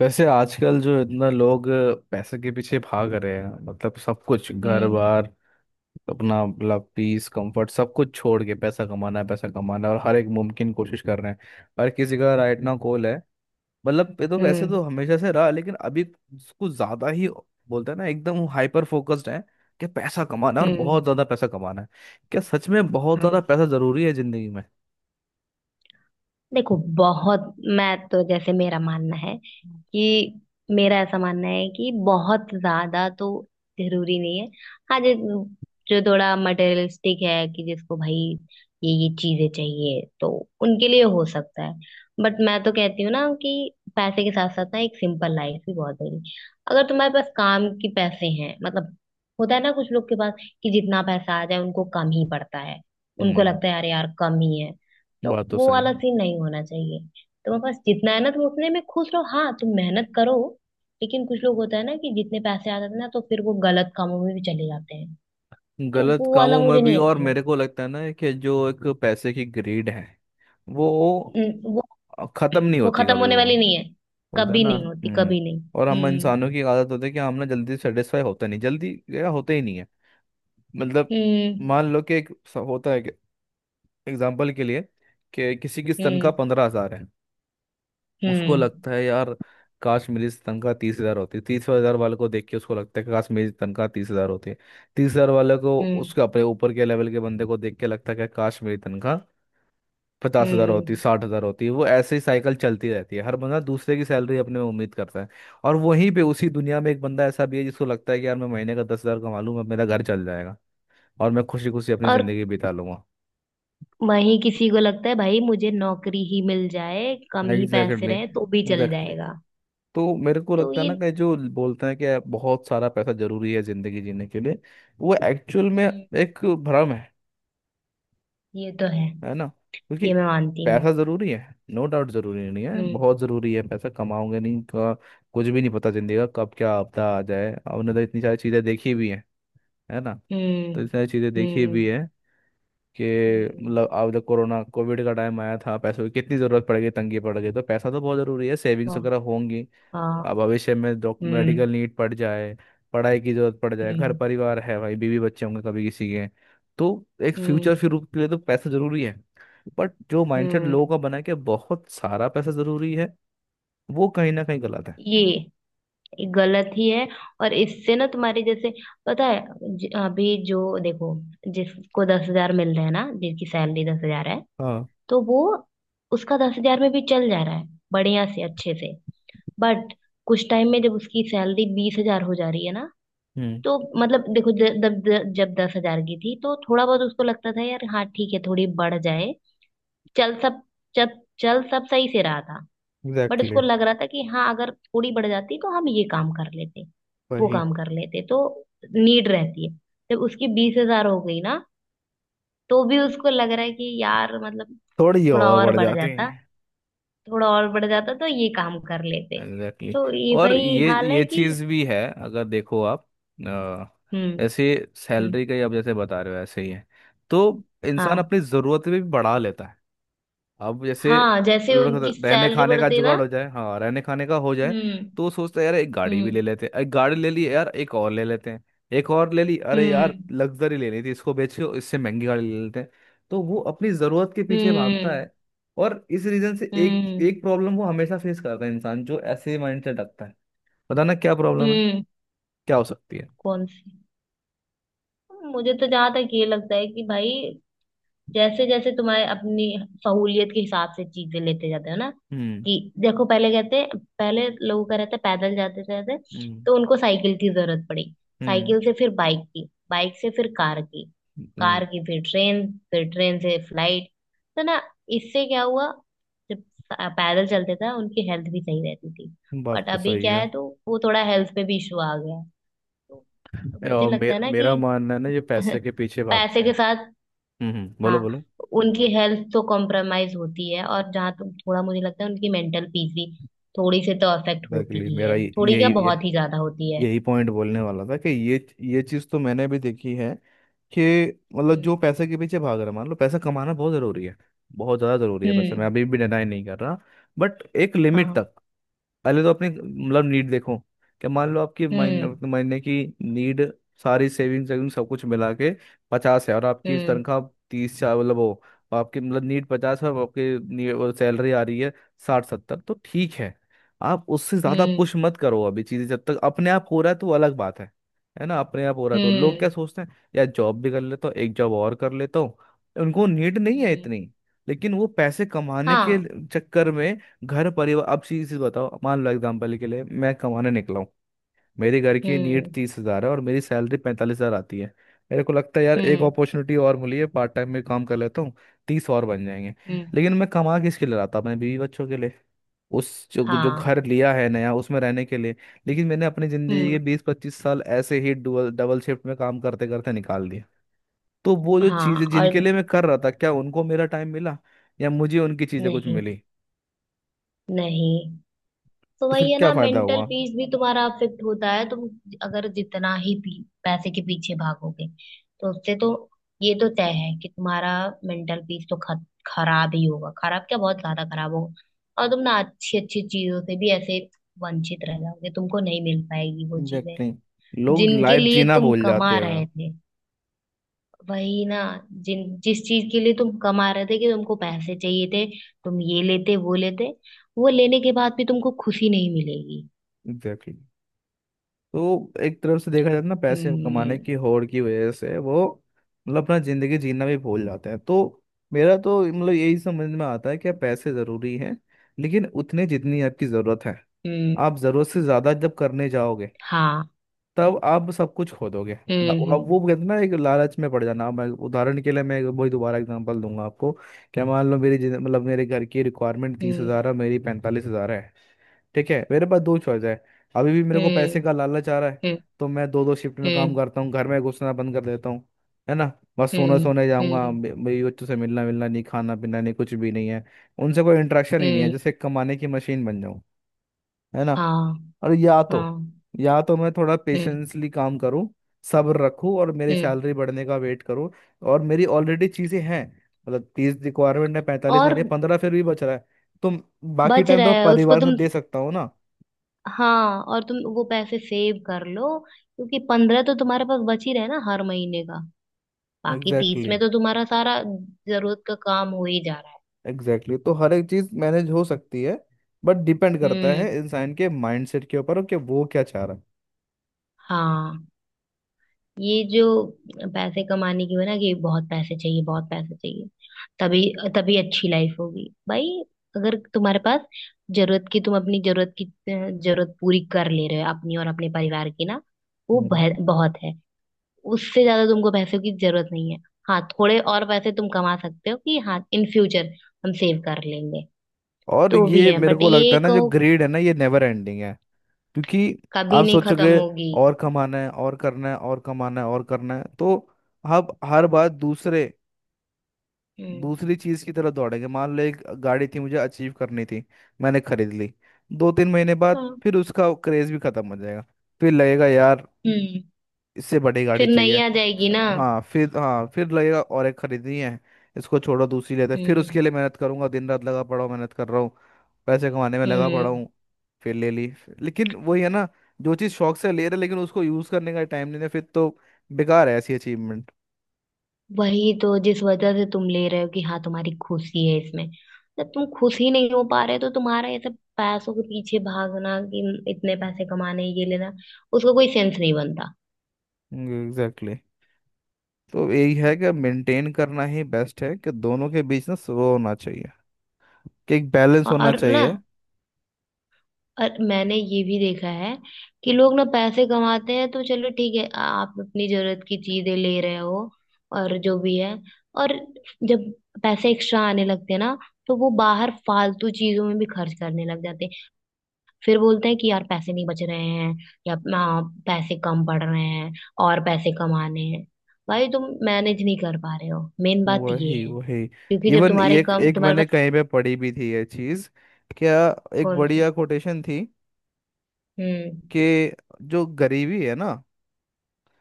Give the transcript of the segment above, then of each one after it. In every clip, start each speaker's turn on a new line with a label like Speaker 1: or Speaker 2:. Speaker 1: वैसे आजकल जो इतना लोग पैसे के पीछे भाग रहे हैं, मतलब सब कुछ घर
Speaker 2: हम्म।
Speaker 1: बार अपना, मतलब पीस कंफर्ट सब कुछ छोड़ के पैसा कमाना है, पैसा कमाना है, और हर एक मुमकिन कोशिश कर रहे हैं. हर किसी का राइट ना गोल है. मतलब ये तो वैसे
Speaker 2: हम्म।
Speaker 1: तो हमेशा से रहा, लेकिन अभी कुछ ज्यादा ही बोलते हैं ना, एकदम हाइपर फोकस्ड है कि पैसा कमाना है और
Speaker 2: हम्म।
Speaker 1: बहुत ज्यादा पैसा कमाना है. क्या सच में बहुत ज्यादा
Speaker 2: हाँ।
Speaker 1: पैसा जरूरी है जिंदगी में?
Speaker 2: देखो बहुत मैं तो जैसे कि मेरा ऐसा मानना है कि बहुत ज्यादा तो जरूरी नहीं है। हाँ। जो जो थोड़ा मटेरियलिस्टिक है कि जिसको भाई ये चीजें चाहिए तो उनके लिए हो सकता है। बट मैं तो कहती हूँ ना कि पैसे के साथ साथ ना एक सिंपल लाइफ भी बहुत जरूरी। अगर तुम्हारे पास काम के पैसे हैं मतलब होता है ना कुछ लोग के पास कि जितना पैसा आ जाए उनको कम ही पड़ता है। उनको
Speaker 1: हम्म.
Speaker 2: लगता है यार यार कम ही है। तो
Speaker 1: बात तो
Speaker 2: वो
Speaker 1: सही है.
Speaker 2: वाला सीन नहीं होना चाहिए। तुम्हारे पास जितना है ना तुम उतने में खुश रहो। हाँ तुम मेहनत करो। लेकिन कुछ लोग होता है ना कि जितने पैसे आ जाते हैं ना तो फिर वो गलत कामों में भी चले जाते हैं। तो
Speaker 1: गलत
Speaker 2: वो वाला
Speaker 1: कामों में
Speaker 2: मुझे
Speaker 1: भी,
Speaker 2: नहीं
Speaker 1: और
Speaker 2: अच्छा
Speaker 1: मेरे
Speaker 2: लगता।
Speaker 1: को लगता है ना कि जो एक पैसे की ग्रीड है वो
Speaker 2: हम्म, वो
Speaker 1: खत्म नहीं
Speaker 2: वो
Speaker 1: होती
Speaker 2: खत्म
Speaker 1: कभी.
Speaker 2: होने
Speaker 1: वो
Speaker 2: वाली नहीं है।
Speaker 1: बोलते हैं
Speaker 2: कभी
Speaker 1: ना.
Speaker 2: नहीं होती
Speaker 1: हम्म.
Speaker 2: कभी नहीं।
Speaker 1: और हम
Speaker 2: हम्म।
Speaker 1: इंसानों की आदत होती है कि हम ना जल्दी सेटिस्फाई होता नहीं, जल्दी या होते ही नहीं है, मतलब.
Speaker 2: हम्म।
Speaker 1: मान लो कि होता है कि एग्जाम्पल के लिए कि किसी की तनख्वाह
Speaker 2: हम्म।
Speaker 1: 15,000 है. उसको
Speaker 2: हम्म।
Speaker 1: लगता है यार, काश मेरी तनख्वाह 30,000 होती. 30,000 वाले को देख के उसको लगता है कि काश मेरी तनख्वाह 30,000 होती. तीस हजार वाले को,
Speaker 2: हम्म।
Speaker 1: उसके अपने ऊपर के लेवल के बंदे को देख के लगता है कि काश मेरी तनख्वाह 50,000 होती,
Speaker 2: हम्म।
Speaker 1: 60,000 होती. वो ऐसे ही साइकिल चलती रहती है, हर बंदा दूसरे की सैलरी अपने में उम्मीद करता है. और वहीं पे उसी दुनिया में एक बंदा ऐसा भी है जिसको लगता है कि यार मैं महीने का 10,000 कमा लूंगा, मेरा घर चल जाएगा और मैं खुशी खुशी अपनी
Speaker 2: और
Speaker 1: जिंदगी बिता लूंगा.
Speaker 2: वही किसी को लगता है भाई मुझे नौकरी ही मिल जाए कम ही पैसे
Speaker 1: एग्जैक्टली,
Speaker 2: रहे तो भी चल
Speaker 1: एग्जैक्टली.
Speaker 2: जाएगा।
Speaker 1: तो मेरे को
Speaker 2: तो
Speaker 1: लगता है ना
Speaker 2: ये।
Speaker 1: कि जो बोलते हैं कि बहुत सारा पैसा जरूरी है जिंदगी जीने के लिए, वो एक्चुअल में
Speaker 2: हम्म।
Speaker 1: एक भ्रम है.
Speaker 2: ये तो है।
Speaker 1: है ना? क्योंकि
Speaker 2: ये मैं मानती हूँ।
Speaker 1: पैसा जरूरी है, नो डाउट. जरूरी नहीं है,
Speaker 2: हम्म।
Speaker 1: बहुत जरूरी है. पैसा कमाओगे नहीं का कुछ भी नहीं पता, जिंदगी का कब क्या आपदा आ जाए. आपने तो इतनी सारी चीजें देखी भी हैं, है ना?
Speaker 2: हम्म।
Speaker 1: तो इतनी सारी चीजें देखी भी
Speaker 2: हम्म।
Speaker 1: हैं कि
Speaker 2: हम्म,
Speaker 1: मतलब अब जब कोरोना कोविड का टाइम आया था, पैसों की कितनी जरूरत पड़ गई, तंगी पड़ गई. तो पैसा तो बहुत जरूरी है, सेविंग्स
Speaker 2: वाह,
Speaker 1: वगैरह होंगी. अब
Speaker 2: हाँ।
Speaker 1: भविष्य में डॉक
Speaker 2: हम्म।
Speaker 1: मेडिकल नीड पड़ जाए, पढ़ाई की जरूरत पड़ जाए, घर
Speaker 2: हम्म।
Speaker 1: परिवार है, भाई बीवी बच्चे होंगे कभी किसी के, तो एक
Speaker 2: हम्म।
Speaker 1: फ्यूचर फिर के लिए तो पैसा जरूरी है. बट जो माइंडसेट लोगों
Speaker 2: हम्म।
Speaker 1: का बना है कि बहुत सारा पैसा जरूरी है, वो कहीं ना कहीं गलत है.
Speaker 2: ये गलत ही है। और इससे ना तुम्हारे जैसे पता है अभी जो देखो जिसको 10,000 मिल रहे हैं ना जिसकी सैलरी 10,000 है।
Speaker 1: हाँ.
Speaker 2: तो वो उसका 10,000 में भी चल जा रहा है बढ़िया से अच्छे से। बट कुछ टाइम में जब उसकी सैलरी 20,000 हो जा रही है ना
Speaker 1: हम्म.
Speaker 2: तो मतलब देखो जब जब 10,000 की थी तो थोड़ा बहुत उसको लगता था यार हाँ ठीक है थोड़ी बढ़ जाए। चल सब जब चल सब सही से रहा था। बट
Speaker 1: एग्जैक्टली
Speaker 2: उसको लग
Speaker 1: exactly.
Speaker 2: रहा था कि हाँ अगर थोड़ी बढ़ जाती तो हम ये काम कर लेते वो
Speaker 1: वही,
Speaker 2: काम कर लेते तो नीड रहती है। जब उसकी 20,000 हो गई ना तो भी उसको लग रहा है कि यार मतलब
Speaker 1: थोड़ी
Speaker 2: थोड़ा
Speaker 1: और
Speaker 2: और
Speaker 1: बढ़
Speaker 2: बढ़
Speaker 1: जाती
Speaker 2: जाता।
Speaker 1: है.
Speaker 2: थोड़ा और बढ़ जाता तो ये काम कर लेते।
Speaker 1: एग्जैक्टली
Speaker 2: तो
Speaker 1: exactly.
Speaker 2: ये
Speaker 1: और
Speaker 2: भाई हाल है
Speaker 1: ये
Speaker 2: कि।
Speaker 1: चीज भी है, अगर देखो आप अ,
Speaker 2: हम्म।
Speaker 1: ऐसे
Speaker 2: हम्म।
Speaker 1: सैलरी का ही आप जैसे बता रहे हो ऐसे ही है. तो इंसान
Speaker 2: हाँ।
Speaker 1: अपनी जरूरतें भी बढ़ा लेता है. अब जैसे
Speaker 2: हाँ जैसे
Speaker 1: थोड़ा सा
Speaker 2: उनकी
Speaker 1: रहने
Speaker 2: सैलरी
Speaker 1: खाने का
Speaker 2: बढ़ती ना।
Speaker 1: जुगाड़ हो जाए, हाँ रहने खाने का हो जाए,
Speaker 2: हम्म।
Speaker 1: तो सोचते हैं यार एक गाड़ी भी
Speaker 2: हम्म।
Speaker 1: ले लेते हैं. एक गाड़ी ले ली, यार एक और ले लेते हैं. एक और ले ली, अरे यार
Speaker 2: हम्म।
Speaker 1: लग्जरी लेनी थी, इसको बेच के इससे महंगी गाड़ी ले लेते हैं. तो वो अपनी जरूरत के पीछे भागता है,
Speaker 2: हम्म।
Speaker 1: और इस रीजन से एक
Speaker 2: हम्म।
Speaker 1: एक प्रॉब्लम वो हमेशा फेस करता है. इंसान जो ऐसे माइंडसेट रखता है, पता ना क्या प्रॉब्लम है,
Speaker 2: हम्म,
Speaker 1: क्या हो सकती है.
Speaker 2: कौन सी। मुझे तो जहां तक ये लगता है कि भाई जैसे जैसे तुम्हारे अपनी सहूलियत के हिसाब से चीजें लेते जाते हो ना
Speaker 1: हम्म.
Speaker 2: कि देखो पहले कहते हैं पहले लोगों का रहता है पैदल जाते जाते।
Speaker 1: हम्म.
Speaker 2: तो उनको साइकिल की जरूरत पड़ी।
Speaker 1: हम्म.
Speaker 2: साइकिल से फिर बाइक की। बाइक से फिर कार की।
Speaker 1: हम्म.
Speaker 2: कार की फिर ट्रेन। फिर ट्रेन से फ्लाइट। तो ना इससे क्या हुआ। जब पैदल चलते थे उनकी हेल्थ भी सही रहती थी।
Speaker 1: बात
Speaker 2: बट
Speaker 1: तो
Speaker 2: अभी
Speaker 1: सही
Speaker 2: क्या
Speaker 1: है.
Speaker 2: है तो वो थोड़ा हेल्थ पे भी इशू आ गया है। तो मुझे
Speaker 1: और
Speaker 2: लगता है ना
Speaker 1: मेरा
Speaker 2: कि
Speaker 1: मानना है ना ये पैसे के पीछे
Speaker 2: पैसे
Speaker 1: भागते
Speaker 2: के
Speaker 1: हैं.
Speaker 2: साथ।
Speaker 1: हम्म. बोलो
Speaker 2: हाँ
Speaker 1: बोलो.
Speaker 2: उनकी हेल्थ तो कॉम्प्रोमाइज होती है और जहाँ तो थोड़ा मुझे लगता है उनकी मेंटल पीस भी थोड़ी से तो अफेक्ट होती
Speaker 1: एग्जैक्टली.
Speaker 2: ही
Speaker 1: मेरा
Speaker 2: है। थोड़ी क्या बहुत ही ज्यादा होती है।
Speaker 1: यही पॉइंट बोलने वाला था कि ये चीज़ तो मैंने भी देखी है, कि मतलब
Speaker 2: हम्म।
Speaker 1: जो पैसे के पीछे भाग रहा है, मान लो पैसा कमाना बहुत ज़रूरी है, बहुत ज़्यादा ज़रूरी है पैसा, मैं
Speaker 2: हम्म।
Speaker 1: अभी भी डिनाई नहीं कर रहा. बट एक लिमिट
Speaker 2: हाँ।
Speaker 1: तक. पहले तो अपनी मतलब नीड देखो कि मान लो आपकी महीने
Speaker 2: हम्म।
Speaker 1: अपने महीने की नीड सारी सेविंग सेविंग सब कुछ मिला के पचास है, और आपकी
Speaker 2: हम्म।
Speaker 1: तनख्वाह तीस चार, मतलब वो आपकी मतलब नीड पचास है और आपकी सैलरी आ रही है साठ सत्तर, तो ठीक है. आप उससे ज़्यादा
Speaker 2: हम्म।
Speaker 1: पुश मत करो. अभी चीज़ें जब तक अपने आप हो रहा है तो वो अलग बात है. है ना? अपने आप हो रहा है तो लोग क्या
Speaker 2: हम्म।
Speaker 1: सोचते हैं, या जॉब भी कर लेता हूँ, एक जॉब और कर लेता हूँ. उनको नीड नहीं है
Speaker 2: हम्म।
Speaker 1: इतनी, लेकिन वो पैसे कमाने के
Speaker 2: हाँ।
Speaker 1: चक्कर में घर परिवार, अब चीज चीज बताओ मान लो एग्जाम्पल के लिए मैं कमाने निकला हूँ. मेरे घर की नीड
Speaker 2: हम्म।
Speaker 1: 30,000 है और मेरी सैलरी 45,000 आती है. मेरे को लगता है यार एक
Speaker 2: हम्म।
Speaker 1: अपॉर्चुनिटी और मिली है, पार्ट टाइम में काम कर लेता हूँ, तीस और बन जाएंगे.
Speaker 2: हम्म।
Speaker 1: लेकिन मैं कमा किसके लिए रहा था? अपने बीवी बच्चों के लिए, उस जो जो
Speaker 2: हाँ।
Speaker 1: घर लिया है नया उसमें रहने के लिए. लेकिन मैंने अपनी जिंदगी
Speaker 2: हम्म।
Speaker 1: के 20-25 साल ऐसे ही डबल डबल शिफ्ट में काम करते करते निकाल दिए. तो वो जो
Speaker 2: हाँ
Speaker 1: चीजें जिनके
Speaker 2: और।
Speaker 1: लिए मैं कर रहा था, क्या उनको मेरा टाइम मिला या मुझे उनकी चीजें कुछ
Speaker 2: नहीं
Speaker 1: मिली?
Speaker 2: नहीं। तो
Speaker 1: तो फिर
Speaker 2: वही है
Speaker 1: क्या
Speaker 2: ना
Speaker 1: फायदा
Speaker 2: मेंटल
Speaker 1: हुआ?
Speaker 2: पीस भी तुम्हारा अफेक्ट होता है। तुम अगर जितना ही पैसे के पीछे भागोगे तो उससे तो ये तो तय है कि तुम्हारा मेंटल पीस तो खराब ही होगा। खराब क्या बहुत ज्यादा खराब होगा। और तुम ना अच्छी अच्छी चीजों से भी ऐसे वंचित रह जाओगे। तुमको नहीं मिल पाएगी वो चीजें
Speaker 1: एग्जैक्टली. लोग
Speaker 2: जिनके
Speaker 1: लाइफ
Speaker 2: लिए
Speaker 1: जीना
Speaker 2: तुम
Speaker 1: भूल
Speaker 2: कमा
Speaker 1: जाते
Speaker 2: रहे
Speaker 1: हैं.
Speaker 2: थे। वही ना जिन जिस चीज के लिए तुम कमा रहे थे कि तुमको पैसे चाहिए थे। तुम ये लेते वो लेने के बाद भी तुमको खुशी नहीं मिलेगी।
Speaker 1: एग्जैक्टली. तो एक तरफ से देखा जाए तो ना पैसे कमाने की होड़ की वजह से वो, मतलब अपना जिंदगी जीना भी भूल जाते हैं. तो मेरा तो मतलब यही समझ में आता है कि पैसे जरूरी हैं, लेकिन उतने जितनी आपकी जरूरत है. आप जरूरत से ज्यादा जब करने जाओगे, तब आप सब कुछ खो दोगे. आप वो कहते हैं ना एक लालच में पड़ जाना. मैं उदाहरण के लिए वही दोबारा एग्जांपल दूंगा आपको. क्या, मान लो मतलब मेरे घर की रिक्वायरमेंट 30,000 है, मेरी 45,000 है. ठीक है. मेरे पास दो चॉइस है. अभी भी मेरे को पैसे का लालच आ रहा है,
Speaker 2: 嗯嗯，好，嗯嗯嗯嗯嗯嗯嗯嗯，好，嗯嗯嗯，
Speaker 1: तो मैं दो दो शिफ्ट में काम करता हूँ, घर में घुसना बंद कर देता हूँ, है ना? बस सोने सोने जाऊंगा, मेरी बच्चों से मिलना मिलना नहीं, खाना पीना नहीं, कुछ भी नहीं है. उनसे कोई इंटरेक्शन ही नहीं है, जैसे एक कमाने की मशीन बन जाऊं, है ना? और या तो मैं थोड़ा पेशेंसली काम करूं, सब्र रखूं और मेरी सैलरी बढ़ने का वेट करूं. और मेरी ऑलरेडी चीजें हैं, मतलब तीस रिक्वायरमेंट है, पैंतालीस आ
Speaker 2: और
Speaker 1: रही है, पंद्रह फिर भी बच रहा है. तो बाकी
Speaker 2: बच
Speaker 1: टाइम
Speaker 2: रहा
Speaker 1: तो
Speaker 2: है उसको
Speaker 1: परिवार का
Speaker 2: तुम।
Speaker 1: दे सकता हूँ ना.
Speaker 2: हाँ और तुम वो पैसे सेव कर लो क्योंकि 15 तो तुम्हारे पास बच ही रहे ना हर महीने का। बाकी 30
Speaker 1: एग्जैक्टली
Speaker 2: में
Speaker 1: exactly,
Speaker 2: तो तुम्हारा सारा जरूरत का काम हो ही जा रहा है।
Speaker 1: Exactly exactly. तो हर एक चीज मैनेज हो सकती है, बट डिपेंड करता है
Speaker 2: हम्म।
Speaker 1: इंसान के माइंडसेट के ऊपर कि वो क्या चाह रहा है.
Speaker 2: हाँ। ये जो पैसे कमाने की वजह ना कि बहुत पैसे चाहिए तभी तभी अच्छी लाइफ होगी भाई। अगर तुम्हारे पास जरूरत की तुम अपनी जरूरत की जरूरत पूरी कर ले रहे हो अपनी और अपने परिवार की ना वो
Speaker 1: हम्म.
Speaker 2: बहुत है। उससे ज्यादा तुमको पैसों की जरूरत नहीं है। हाँ थोड़े और पैसे तुम कमा सकते हो कि हाँ इन फ्यूचर हम सेव कर लेंगे।
Speaker 1: और
Speaker 2: तो वो भी
Speaker 1: ये
Speaker 2: है
Speaker 1: मेरे
Speaker 2: बट
Speaker 1: को लगता
Speaker 2: ये
Speaker 1: है ना, जो
Speaker 2: कहो कि
Speaker 1: ग्रीड है ना, ये नेवर एंडिंग है. क्योंकि
Speaker 2: कभी
Speaker 1: आप
Speaker 2: नहीं खत्म
Speaker 1: सोचोगे
Speaker 2: होगी।
Speaker 1: और कमाना है और करना है, और कमाना है और करना है, तो आप हर बार दूसरे
Speaker 2: हम्म।
Speaker 1: दूसरी चीज की तरफ दौड़ेंगे. मान लो एक गाड़ी थी मुझे अचीव करनी थी, मैंने खरीद ली. 2-3 महीने बाद
Speaker 2: हाँ।
Speaker 1: फिर उसका क्रेज भी खत्म हो जाएगा, फिर लगेगा यार
Speaker 2: हम्म।
Speaker 1: इससे बड़ी गाड़ी
Speaker 2: फिर
Speaker 1: चाहिए.
Speaker 2: नहीं आ जाएगी ना।
Speaker 1: हाँ फिर लगेगा और एक खरीदनी है, इसको छोड़ो दूसरी लेते हैं. फिर उसके
Speaker 2: हम्म।
Speaker 1: लिए मेहनत करूंगा, दिन रात लगा पड़ा हूँ मेहनत कर रहा हूँ, पैसे कमाने में लगा पड़ा
Speaker 2: हम्म।
Speaker 1: हूँ, फिर ले ली. लेकिन वही है ना, जो चीज़ शौक से ले रहे लेकिन उसको यूज़ करने का टाइम नहीं है, फिर तो बेकार है ऐसी अचीवमेंट.
Speaker 2: वही तो जिस वजह से तुम ले रहे हो कि हाँ तुम्हारी खुशी है इसमें। जब तुम खुश ही नहीं हो पा रहे तो तुम्हारा ये सब पैसों के पीछे भागना कि इतने पैसे कमाने ये लेना उसका कोई सेंस नहीं बनता।
Speaker 1: Exactly exactly. तो यही है कि
Speaker 2: हम्म,
Speaker 1: मेंटेन करना ही बेस्ट है, कि दोनों के बीच ना वो होना चाहिए, कि एक बैलेंस होना
Speaker 2: और ना।
Speaker 1: चाहिए.
Speaker 2: और मैंने ये भी देखा है कि लोग ना पैसे कमाते हैं तो चलो ठीक है आप अपनी जरूरत की चीजें ले रहे हो। और जो भी है और जब पैसे एक्स्ट्रा आने लगते हैं ना तो वो बाहर फालतू चीजों में भी खर्च करने लग जाते हैं। फिर बोलते हैं कि यार पैसे नहीं बच रहे हैं या पैसे कम पड़ रहे हैं और पैसे कमाने हैं। भाई तुम मैनेज नहीं कर पा रहे हो मेन बात ये
Speaker 1: वही
Speaker 2: है।
Speaker 1: वही.
Speaker 2: क्योंकि जब
Speaker 1: इवन एक एक
Speaker 2: तुम्हारे
Speaker 1: मैंने
Speaker 2: पास।
Speaker 1: कहीं पे पढ़ी भी थी ये चीज, क्या? एक
Speaker 2: कौन सी।
Speaker 1: बढ़िया कोटेशन थी
Speaker 2: हम्म।
Speaker 1: कि जो गरीबी है ना,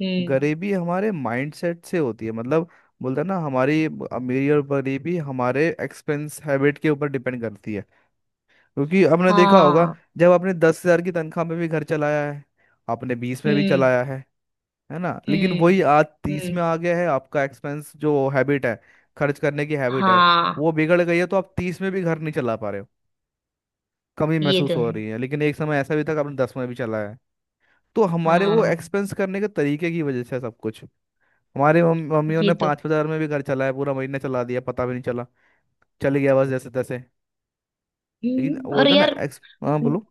Speaker 2: हम्म।
Speaker 1: गरीबी हमारे माइंडसेट से होती है. मतलब, बोलते हैं ना हमारी अमीरी और गरीबी हमारे एक्सपेंस हैबिट के ऊपर डिपेंड करती है. क्योंकि आपने देखा होगा,
Speaker 2: हाँ।
Speaker 1: जब आपने 10,000 की तनख्वाह में भी घर चलाया है, आपने बीस में भी
Speaker 2: हम्म।
Speaker 1: चलाया है ना? लेकिन वही
Speaker 2: हम्म।
Speaker 1: आज तीस
Speaker 2: हम्म।
Speaker 1: में आ गया है. आपका एक्सपेंस जो हैबिट है, खर्च करने की हैबिट है,
Speaker 2: हाँ।
Speaker 1: वो बिगड़ गई है, तो आप तीस में भी घर नहीं चला पा रहे हो, कमी
Speaker 2: ये
Speaker 1: महसूस
Speaker 2: तो है।
Speaker 1: हो रही है. लेकिन एक समय ऐसा भी था कि आपने दस में भी चलाया है. तो हमारे वो
Speaker 2: हाँ
Speaker 1: एक्सपेंस करने के तरीके की वजह से है सब कुछ. हमारे मम्मियों
Speaker 2: ये
Speaker 1: ने
Speaker 2: तो।
Speaker 1: 5,000 में भी घर चलाया, पूरा महीना चला दिया, पता भी नहीं चला, चल गया बस जैसे तैसे. लेकिन वो
Speaker 2: और
Speaker 1: था ना
Speaker 2: यार
Speaker 1: एक्स, हाँ बोलो.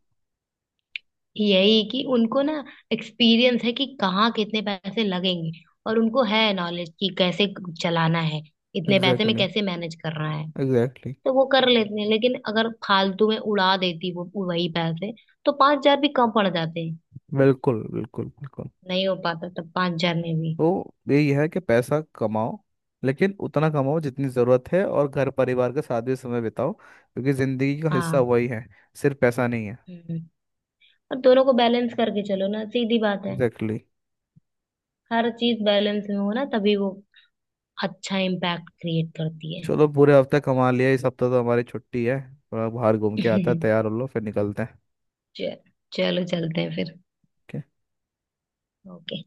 Speaker 2: यही कि उनको ना एक्सपीरियंस है कि कहाँ कितने पैसे लगेंगे। और उनको है नॉलेज कि कैसे चलाना है इतने पैसे में
Speaker 1: एग्जैक्टली.
Speaker 2: कैसे मैनेज करना है।
Speaker 1: एग्जैक्टली.
Speaker 2: तो वो कर लेते हैं लेकिन अगर फालतू में उड़ा देती वो वही पैसे तो 5,000 भी कम पड़ जाते हैं।
Speaker 1: बिल्कुल बिल्कुल बिल्कुल.
Speaker 2: नहीं हो पाता तब 5,000 में भी।
Speaker 1: तो यही है कि पैसा कमाओ, लेकिन उतना कमाओ जितनी ज़रूरत है, और घर परिवार के साथ भी समय बिताओ क्योंकि ज़िंदगी का हिस्सा
Speaker 2: हाँ।
Speaker 1: वही है, सिर्फ पैसा नहीं है.
Speaker 2: हम्म। और दोनों को बैलेंस करके चलो ना सीधी बात है।
Speaker 1: Exactly exactly.
Speaker 2: हर चीज बैलेंस में हो ना तभी वो अच्छा इम्पैक्ट क्रिएट करती है।
Speaker 1: चलो पूरे हफ्ते कमा लिया, इस हफ्ते तो हमारी छुट्टी है. थोड़ा बाहर घूम के आता है, तैयार हो लो फिर निकलते हैं.
Speaker 2: च- चलो चलते हैं फिर।
Speaker 1: Okay?
Speaker 2: ओके।